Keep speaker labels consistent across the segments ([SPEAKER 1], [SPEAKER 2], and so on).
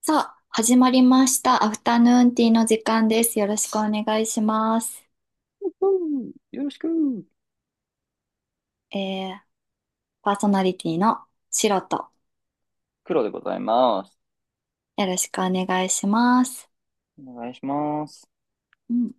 [SPEAKER 1] さあ、始まりました。アフタヌーンティーの時間です。よろしくお願いします。
[SPEAKER 2] うん、よろしく。
[SPEAKER 1] えー、パーソナリティのシロと、
[SPEAKER 2] 黒でございます。
[SPEAKER 1] よろしくお願いします。
[SPEAKER 2] お願いします。
[SPEAKER 1] うん、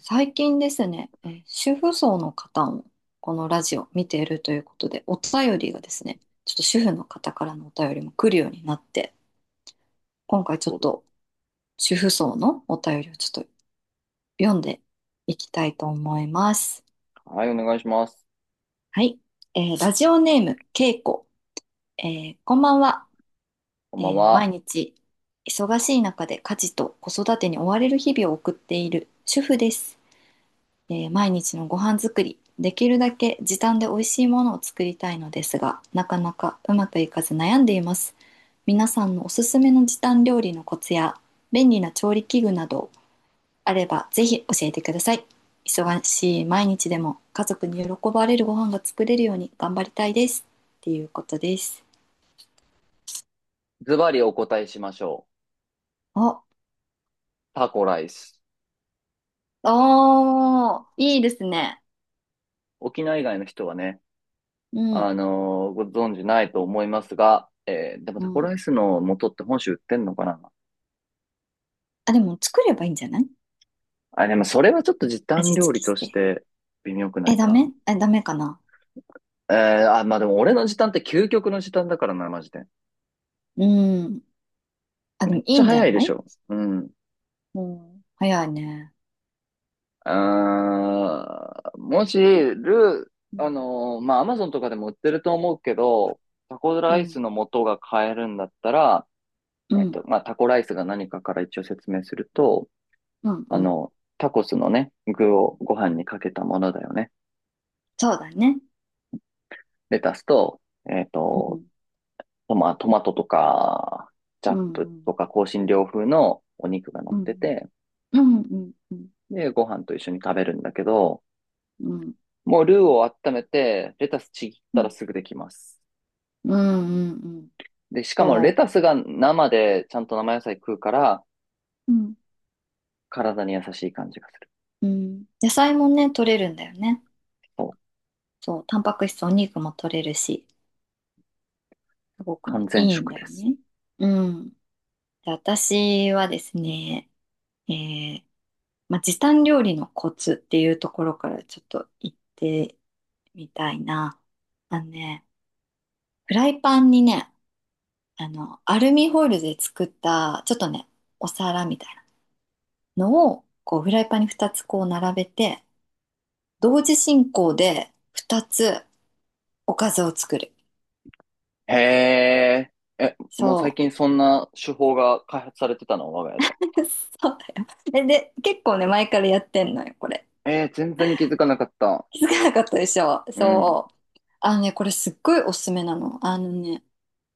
[SPEAKER 1] 最近ですね、主婦層の方もこのラジオ見ているということで、お便りがですね、ちょっと主婦の方からのお便りも来るようになって、今回ちょ
[SPEAKER 2] そ
[SPEAKER 1] っ
[SPEAKER 2] うです
[SPEAKER 1] と主婦層のお便りをちょっと読んでいきたいと思います。
[SPEAKER 2] か。はい、お願いします。
[SPEAKER 1] はい。ラジオネーム、けいこ。えこんばんは。
[SPEAKER 2] こんばん
[SPEAKER 1] 毎
[SPEAKER 2] は。
[SPEAKER 1] 日忙しい中で家事と子育てに追われる日々を送っている主婦です。毎日のご飯作り、できるだけ時短で美味しいものを作りたいのですが、なかなかうまくいかず悩んでいます。皆さんのおすすめの時短料理のコツや便利な調理器具などあればぜひ教えてください。忙しい毎日でも家族に喜ばれるご飯が作れるように頑張りたいです。っていうことです。
[SPEAKER 2] ズバリお答えしましょう。
[SPEAKER 1] お、
[SPEAKER 2] タコライス。
[SPEAKER 1] おー、いいですね。
[SPEAKER 2] 沖縄以外の人はね、
[SPEAKER 1] うん、
[SPEAKER 2] ご存知ないと思いますが、でも
[SPEAKER 1] う
[SPEAKER 2] タコ
[SPEAKER 1] ん。
[SPEAKER 2] ライスの素って本州売ってんのかな。
[SPEAKER 1] あ、でも作ればいいんじゃない？
[SPEAKER 2] あ、でもそれはちょっと時短
[SPEAKER 1] 味
[SPEAKER 2] 料
[SPEAKER 1] 付
[SPEAKER 2] 理
[SPEAKER 1] けし
[SPEAKER 2] とし
[SPEAKER 1] て。
[SPEAKER 2] て微妙くな
[SPEAKER 1] え、
[SPEAKER 2] い
[SPEAKER 1] ダ
[SPEAKER 2] か。
[SPEAKER 1] メえ、ダメかな？
[SPEAKER 2] まあでも俺の時短って究極の時短だからな、マジで。
[SPEAKER 1] うん。あ、で
[SPEAKER 2] めっ
[SPEAKER 1] もい
[SPEAKER 2] ち
[SPEAKER 1] い
[SPEAKER 2] ゃ
[SPEAKER 1] んじゃ
[SPEAKER 2] 早いで
[SPEAKER 1] な
[SPEAKER 2] し
[SPEAKER 1] い？
[SPEAKER 2] ょ。うん。
[SPEAKER 1] うん。早いね。
[SPEAKER 2] うーん、もし、ル
[SPEAKER 1] う
[SPEAKER 2] ー、あ
[SPEAKER 1] ん、
[SPEAKER 2] のーまあ、アマゾンとかでも売ってると思うけど、タコ
[SPEAKER 1] う
[SPEAKER 2] ライ
[SPEAKER 1] ん、
[SPEAKER 2] スの素が買えるんだったら、
[SPEAKER 1] うん、
[SPEAKER 2] まあ、タコライスが何かから一応説明すると、
[SPEAKER 1] うん、う
[SPEAKER 2] あ
[SPEAKER 1] ん。
[SPEAKER 2] の、タコスのね、具をご飯にかけたものだよね。
[SPEAKER 1] そうだね。
[SPEAKER 2] レタスと、えっ
[SPEAKER 1] う
[SPEAKER 2] と、
[SPEAKER 1] ん、
[SPEAKER 2] トマトとか、チャ
[SPEAKER 1] う
[SPEAKER 2] ップ
[SPEAKER 1] ん、
[SPEAKER 2] とか、香辛料風のお肉が乗っ
[SPEAKER 1] う
[SPEAKER 2] て
[SPEAKER 1] ん、
[SPEAKER 2] て、
[SPEAKER 1] うん、うん、うん、うん、
[SPEAKER 2] で、ご飯と一緒に食べるんだけど、
[SPEAKER 1] うん、
[SPEAKER 2] もうルーを温めて、レタスちぎっ
[SPEAKER 1] う
[SPEAKER 2] たら
[SPEAKER 1] ん、
[SPEAKER 2] すぐできます。
[SPEAKER 1] うん、うん
[SPEAKER 2] で、しかもレ
[SPEAKER 1] そ
[SPEAKER 2] タスが生でちゃんと生野菜食うから、
[SPEAKER 1] う。うん、
[SPEAKER 2] 体に優しい感じがする。
[SPEAKER 1] うんうんうんうんうんうんうんうんうんそううんうん野菜もね、取れるんだよね。
[SPEAKER 2] そう。
[SPEAKER 1] そう、タンパク質、お肉も取れるし、すごく
[SPEAKER 2] 完
[SPEAKER 1] ね、
[SPEAKER 2] 全
[SPEAKER 1] いいん
[SPEAKER 2] 食
[SPEAKER 1] だ
[SPEAKER 2] で
[SPEAKER 1] よ
[SPEAKER 2] す。
[SPEAKER 1] ね。うん。で私はですね、えーまあ、時短料理のコツっていうところからちょっと言ってみたいな。あのね、フライパンにね、あの、アルミホイルで作った、ちょっとね、お皿みたいなのを、こう、フライパンに2つこう並べて、同時進行で2つおかずを作る。
[SPEAKER 2] へえ。え、もう最
[SPEAKER 1] そ
[SPEAKER 2] 近そんな手法が開発されてたの、我が家
[SPEAKER 1] う。
[SPEAKER 2] で。
[SPEAKER 1] そうだよ。で、結構ね、前からやってんのよ、これ。
[SPEAKER 2] えー、全然気づかなかった。
[SPEAKER 1] 気づかなかったでしょ。
[SPEAKER 2] うん。
[SPEAKER 1] そう。あのね、これすっごいおすすめなの。あのね、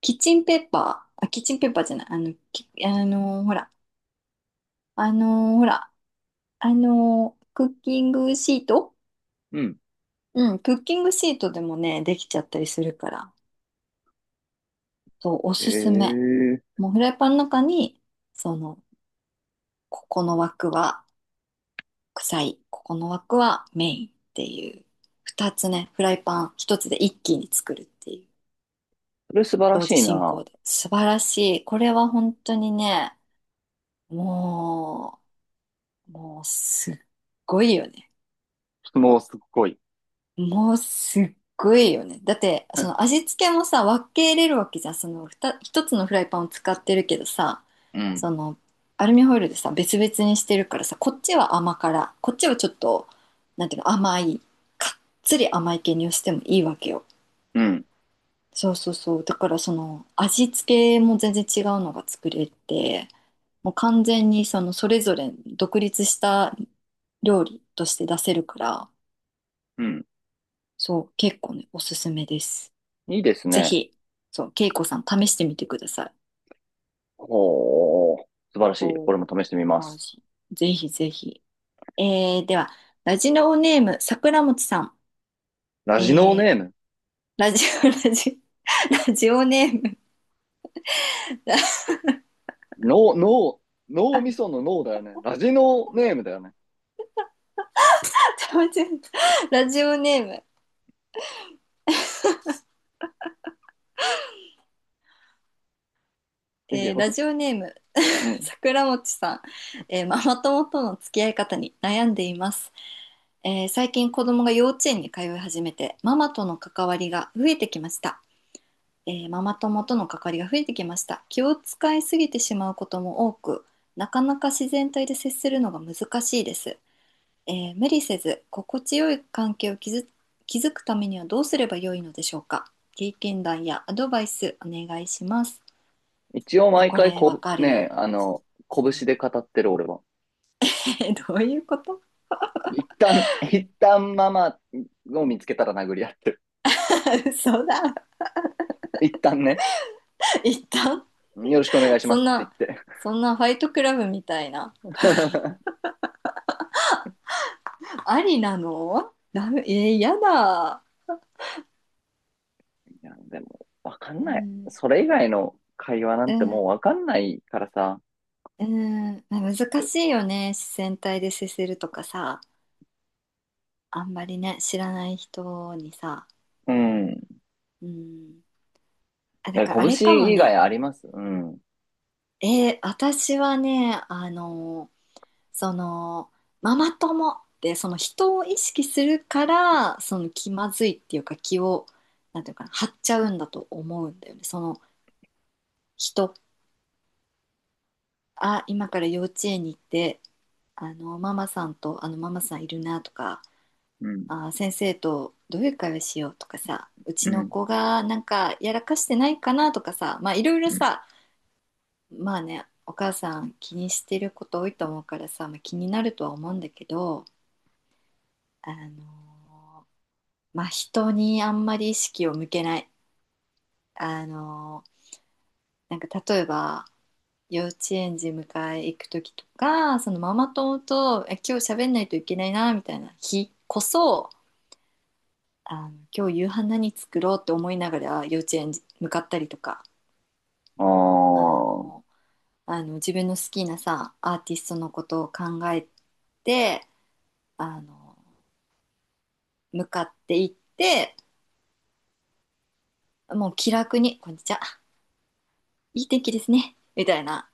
[SPEAKER 1] キッチンペーパー、あ、キッチンペーパーじゃない、あの、きあのーほら、あのほら、クッキングシート。
[SPEAKER 2] うん。
[SPEAKER 1] うん、クッキングシートでもね、できちゃったりするから、そう、お
[SPEAKER 2] へ
[SPEAKER 1] すすめ。
[SPEAKER 2] え。
[SPEAKER 1] もうフライパンの中に、その、ここの枠は臭い、ここの枠はメインっていう、二つね、フライパン一つで一気に作るっていう、
[SPEAKER 2] それ素晴ら
[SPEAKER 1] 同
[SPEAKER 2] し
[SPEAKER 1] 時
[SPEAKER 2] い
[SPEAKER 1] 進
[SPEAKER 2] な。
[SPEAKER 1] 行で。素晴らしい。これは本当にね、ももうすっごいよね。
[SPEAKER 2] 質問すっごい。
[SPEAKER 1] もうすっごいよね。だって、その 味付けもさ、分けれるわけじゃん。そのふた一つのフライパンを使ってるけどさ、
[SPEAKER 2] うん。
[SPEAKER 1] その、アルミホイルでさ、別々にしてるからさ、こっちは甘辛、こっちはちょっと、なんていうの、甘い、かっつり甘い系にしてもいいわけよ。
[SPEAKER 2] うん。
[SPEAKER 1] そうそうそう。だからその、味付けも全然違うのが作れて、もう完全にその、それぞれ独立した料理として出せるから、
[SPEAKER 2] うん。
[SPEAKER 1] そう、結構ね、おすすめです。
[SPEAKER 2] いいです
[SPEAKER 1] ぜ
[SPEAKER 2] ね。
[SPEAKER 1] ひ、そう、恵子さん試してみてください。
[SPEAKER 2] ほう、素晴らしい。
[SPEAKER 1] お
[SPEAKER 2] 俺
[SPEAKER 1] ー、
[SPEAKER 2] も試してみま
[SPEAKER 1] 安
[SPEAKER 2] す。
[SPEAKER 1] 心。ぜひぜひ。では、ラジオネーム、桜餅さん。
[SPEAKER 2] ラ
[SPEAKER 1] え
[SPEAKER 2] ジノー
[SPEAKER 1] ー、
[SPEAKER 2] ネーム。
[SPEAKER 1] ラジオ、ラジオネーム。
[SPEAKER 2] ノー、ノー、脳みその脳だよね。ラジノーネームだよね。
[SPEAKER 1] 間違えた。
[SPEAKER 2] いい
[SPEAKER 1] ラ
[SPEAKER 2] よ。
[SPEAKER 1] ジオネーム、
[SPEAKER 2] う ん。
[SPEAKER 1] 桜餅さん、ママ友との付き合い方に悩んでいます。最近子供が幼稚園に通い始めて、ママとの関わりが増えてきました。ママ友との関わりが増えてきました。気を使いすぎてしまうことも多く、なかなか自然体で接するのが難しいです。無理せず心地よい関係を築くためにはどうすればよいのでしょうか？経験談やアドバイスお願いします。
[SPEAKER 2] 一応
[SPEAKER 1] いや
[SPEAKER 2] 毎
[SPEAKER 1] こ
[SPEAKER 2] 回
[SPEAKER 1] れわ
[SPEAKER 2] こぶ、
[SPEAKER 1] かる
[SPEAKER 2] ね、
[SPEAKER 1] よ、
[SPEAKER 2] あの、
[SPEAKER 1] う
[SPEAKER 2] 拳
[SPEAKER 1] ん。
[SPEAKER 2] で語ってる俺は。
[SPEAKER 1] どういうこと？
[SPEAKER 2] 一旦ママを見つけたら殴り合ってる。
[SPEAKER 1] 嘘だ。
[SPEAKER 2] 一旦ね、
[SPEAKER 1] 一旦、
[SPEAKER 2] よろしくお願いし
[SPEAKER 1] そ
[SPEAKER 2] ます
[SPEAKER 1] ん
[SPEAKER 2] って言っ
[SPEAKER 1] な
[SPEAKER 2] て。
[SPEAKER 1] そんなファイトクラブみたいな、 ありなの？ダメ、やだ。
[SPEAKER 2] いや、でも、わかん
[SPEAKER 1] う
[SPEAKER 2] ない。
[SPEAKER 1] ん、
[SPEAKER 2] それ以外の会話な
[SPEAKER 1] う
[SPEAKER 2] んても
[SPEAKER 1] ん。
[SPEAKER 2] うわかんないからさ。
[SPEAKER 1] うーん、難しいよね。自然体で接するとかさ、あんまりね、知らない人にさ。
[SPEAKER 2] うん。
[SPEAKER 1] うん。あ、だ
[SPEAKER 2] え、
[SPEAKER 1] からあれか
[SPEAKER 2] 拳
[SPEAKER 1] も
[SPEAKER 2] 以外
[SPEAKER 1] ね。
[SPEAKER 2] あります？うん。
[SPEAKER 1] 私はね、あの、その、ママ友ってその人を意識するから、その気まずいっていうか気を、なんていうかな、張っちゃうんだと思うんだよね。その人、あ、今から幼稚園に行って、あの、ママさんと、あの、ママさんいるなとか、
[SPEAKER 2] うん。
[SPEAKER 1] あー先生とどういう会話しようとかさ、うち
[SPEAKER 2] う
[SPEAKER 1] の
[SPEAKER 2] ん。
[SPEAKER 1] 子がなんかやらかしてないかなとかさ、まあいろいろ
[SPEAKER 2] うん。
[SPEAKER 1] さ、まあね、お母さん気にしてること多いと思うからさ、まあ、気になるとは思うんだけど、あのーまあ人にあんまり意識を向けない。あのーなんか例えば、幼稚園児迎え行く時とか、そのママ友と、今日喋んないといけないな、みたいな日こそ、今日夕飯何作ろうって思いながら幼稚園向かったりとか、
[SPEAKER 2] あ
[SPEAKER 1] あ
[SPEAKER 2] あ。
[SPEAKER 1] の自分の好きなさアーティストのことを考えて、あの向かっていって、もう気楽に「こんにちは、いい天気ですね」みたいな、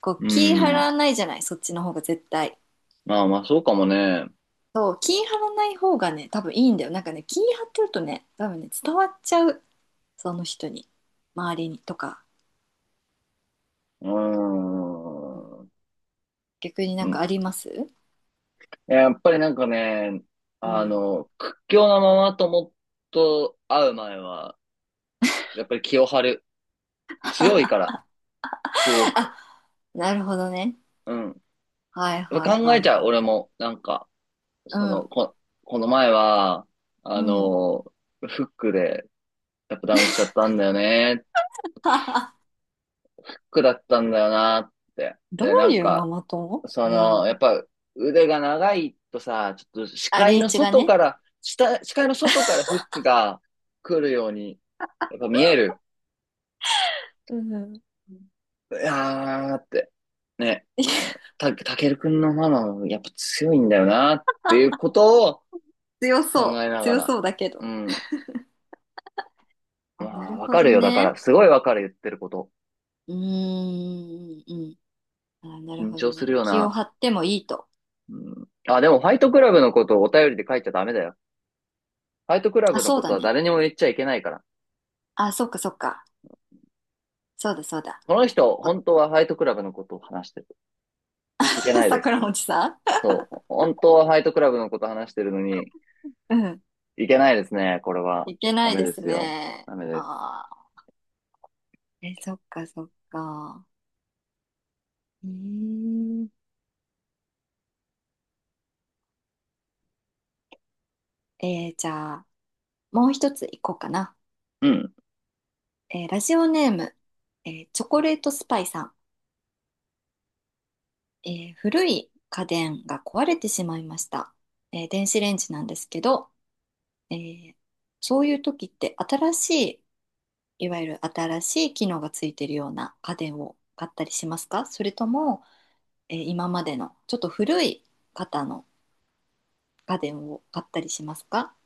[SPEAKER 1] こう
[SPEAKER 2] う
[SPEAKER 1] 気張
[SPEAKER 2] ん。
[SPEAKER 1] らないじゃない？そっちの方が絶対。
[SPEAKER 2] まあまあ、そうかもね。
[SPEAKER 1] そう、気張らない方がね多分いいんだよ。なんかね、気張ってるとね多分ね伝わっちゃう、その人に、周りにとか。
[SPEAKER 2] うー
[SPEAKER 1] うん。
[SPEAKER 2] ん。
[SPEAKER 1] 逆になんかあります？
[SPEAKER 2] やっぱりなんかね、
[SPEAKER 1] う
[SPEAKER 2] あ
[SPEAKER 1] ん、
[SPEAKER 2] の、屈強なママ友と会う前は、やっぱり気を張る。強いから、すご
[SPEAKER 1] あ、
[SPEAKER 2] く。
[SPEAKER 1] なるほどね。
[SPEAKER 2] うん。
[SPEAKER 1] はい
[SPEAKER 2] やっ
[SPEAKER 1] はい
[SPEAKER 2] ぱ考
[SPEAKER 1] は
[SPEAKER 2] え
[SPEAKER 1] い
[SPEAKER 2] ちゃう、
[SPEAKER 1] はい。
[SPEAKER 2] 俺も。
[SPEAKER 1] う
[SPEAKER 2] その、
[SPEAKER 1] ん。
[SPEAKER 2] こ、この前は、
[SPEAKER 1] う
[SPEAKER 2] あ
[SPEAKER 1] ん。
[SPEAKER 2] の、フックで、やっぱダウンしちゃったんだよね。フックだったんだよなって。
[SPEAKER 1] どう
[SPEAKER 2] で、なん
[SPEAKER 1] いうマ
[SPEAKER 2] か、
[SPEAKER 1] マ友？
[SPEAKER 2] そ
[SPEAKER 1] う
[SPEAKER 2] の、や
[SPEAKER 1] ん。
[SPEAKER 2] っぱ腕が長いとさ、ちょっと視
[SPEAKER 1] あ、
[SPEAKER 2] 界
[SPEAKER 1] リー
[SPEAKER 2] の
[SPEAKER 1] チが
[SPEAKER 2] 外
[SPEAKER 1] ね。
[SPEAKER 2] から、下視界の外からフックが来るように、やっぱ見える。
[SPEAKER 1] うん。
[SPEAKER 2] いやーって、ね、あの、た、たけるくんのママもやっぱ強いんだよなっていう ことを
[SPEAKER 1] 強
[SPEAKER 2] 考
[SPEAKER 1] そ
[SPEAKER 2] え
[SPEAKER 1] う。
[SPEAKER 2] なが
[SPEAKER 1] 強
[SPEAKER 2] ら、
[SPEAKER 1] そうだけ
[SPEAKER 2] う
[SPEAKER 1] ど。
[SPEAKER 2] ん。ま
[SPEAKER 1] あ、な
[SPEAKER 2] あ、
[SPEAKER 1] る
[SPEAKER 2] わ
[SPEAKER 1] ほ
[SPEAKER 2] かる
[SPEAKER 1] ど
[SPEAKER 2] よ。だから、
[SPEAKER 1] ね。
[SPEAKER 2] すごいわかる、言ってること。
[SPEAKER 1] うーん、うん。あ、なる
[SPEAKER 2] 緊
[SPEAKER 1] ほど
[SPEAKER 2] 張す
[SPEAKER 1] ね。
[SPEAKER 2] るよ
[SPEAKER 1] 気を
[SPEAKER 2] な。
[SPEAKER 1] 張ってもいいと。
[SPEAKER 2] うん。あ、でも、ファイトクラブのことをお便りで書いちゃダメだよ。ファイトクラ
[SPEAKER 1] あ、
[SPEAKER 2] ブの
[SPEAKER 1] そ
[SPEAKER 2] こ
[SPEAKER 1] う
[SPEAKER 2] と
[SPEAKER 1] だ
[SPEAKER 2] は
[SPEAKER 1] ね。
[SPEAKER 2] 誰にも言っちゃいけないから。
[SPEAKER 1] あ、そっかそっか。そうだそうだ。
[SPEAKER 2] この人、
[SPEAKER 1] あ
[SPEAKER 2] 本当はファイトクラブのことを話してる。いけな いで
[SPEAKER 1] 桜
[SPEAKER 2] す。
[SPEAKER 1] 餅さん。
[SPEAKER 2] そう。本当はファイトクラブのことを話してるのに、
[SPEAKER 1] うん。
[SPEAKER 2] いけないですね、これは。
[SPEAKER 1] いけな
[SPEAKER 2] ダ
[SPEAKER 1] い
[SPEAKER 2] メ
[SPEAKER 1] で
[SPEAKER 2] で
[SPEAKER 1] す
[SPEAKER 2] すよ。
[SPEAKER 1] ね。
[SPEAKER 2] ダメです。
[SPEAKER 1] ああ。え、そっかそっか。うーん、じゃあ。もう一ついこうかな。
[SPEAKER 2] うん。
[SPEAKER 1] ラジオネーム、チョコレートスパイさん。古い家電が壊れてしまいました。電子レンジなんですけど、えーそういう時って新しい、いわゆる新しい機能がついてるような家電を買ったりしますか？それとも、今までのちょっと古い方の家電を買ったりしますか？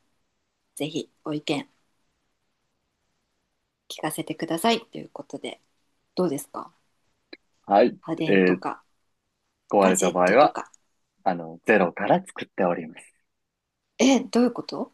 [SPEAKER 1] ぜひご意見聞かせてくださいということで、どうですか？
[SPEAKER 2] はい。
[SPEAKER 1] 家
[SPEAKER 2] え
[SPEAKER 1] 電と
[SPEAKER 2] ー、
[SPEAKER 1] か
[SPEAKER 2] 壊
[SPEAKER 1] ガ
[SPEAKER 2] れ
[SPEAKER 1] ジ
[SPEAKER 2] た
[SPEAKER 1] ェッ
[SPEAKER 2] 場合
[SPEAKER 1] トと
[SPEAKER 2] は、
[SPEAKER 1] か。
[SPEAKER 2] あの、ゼロから作っております。
[SPEAKER 1] え、どういうこと？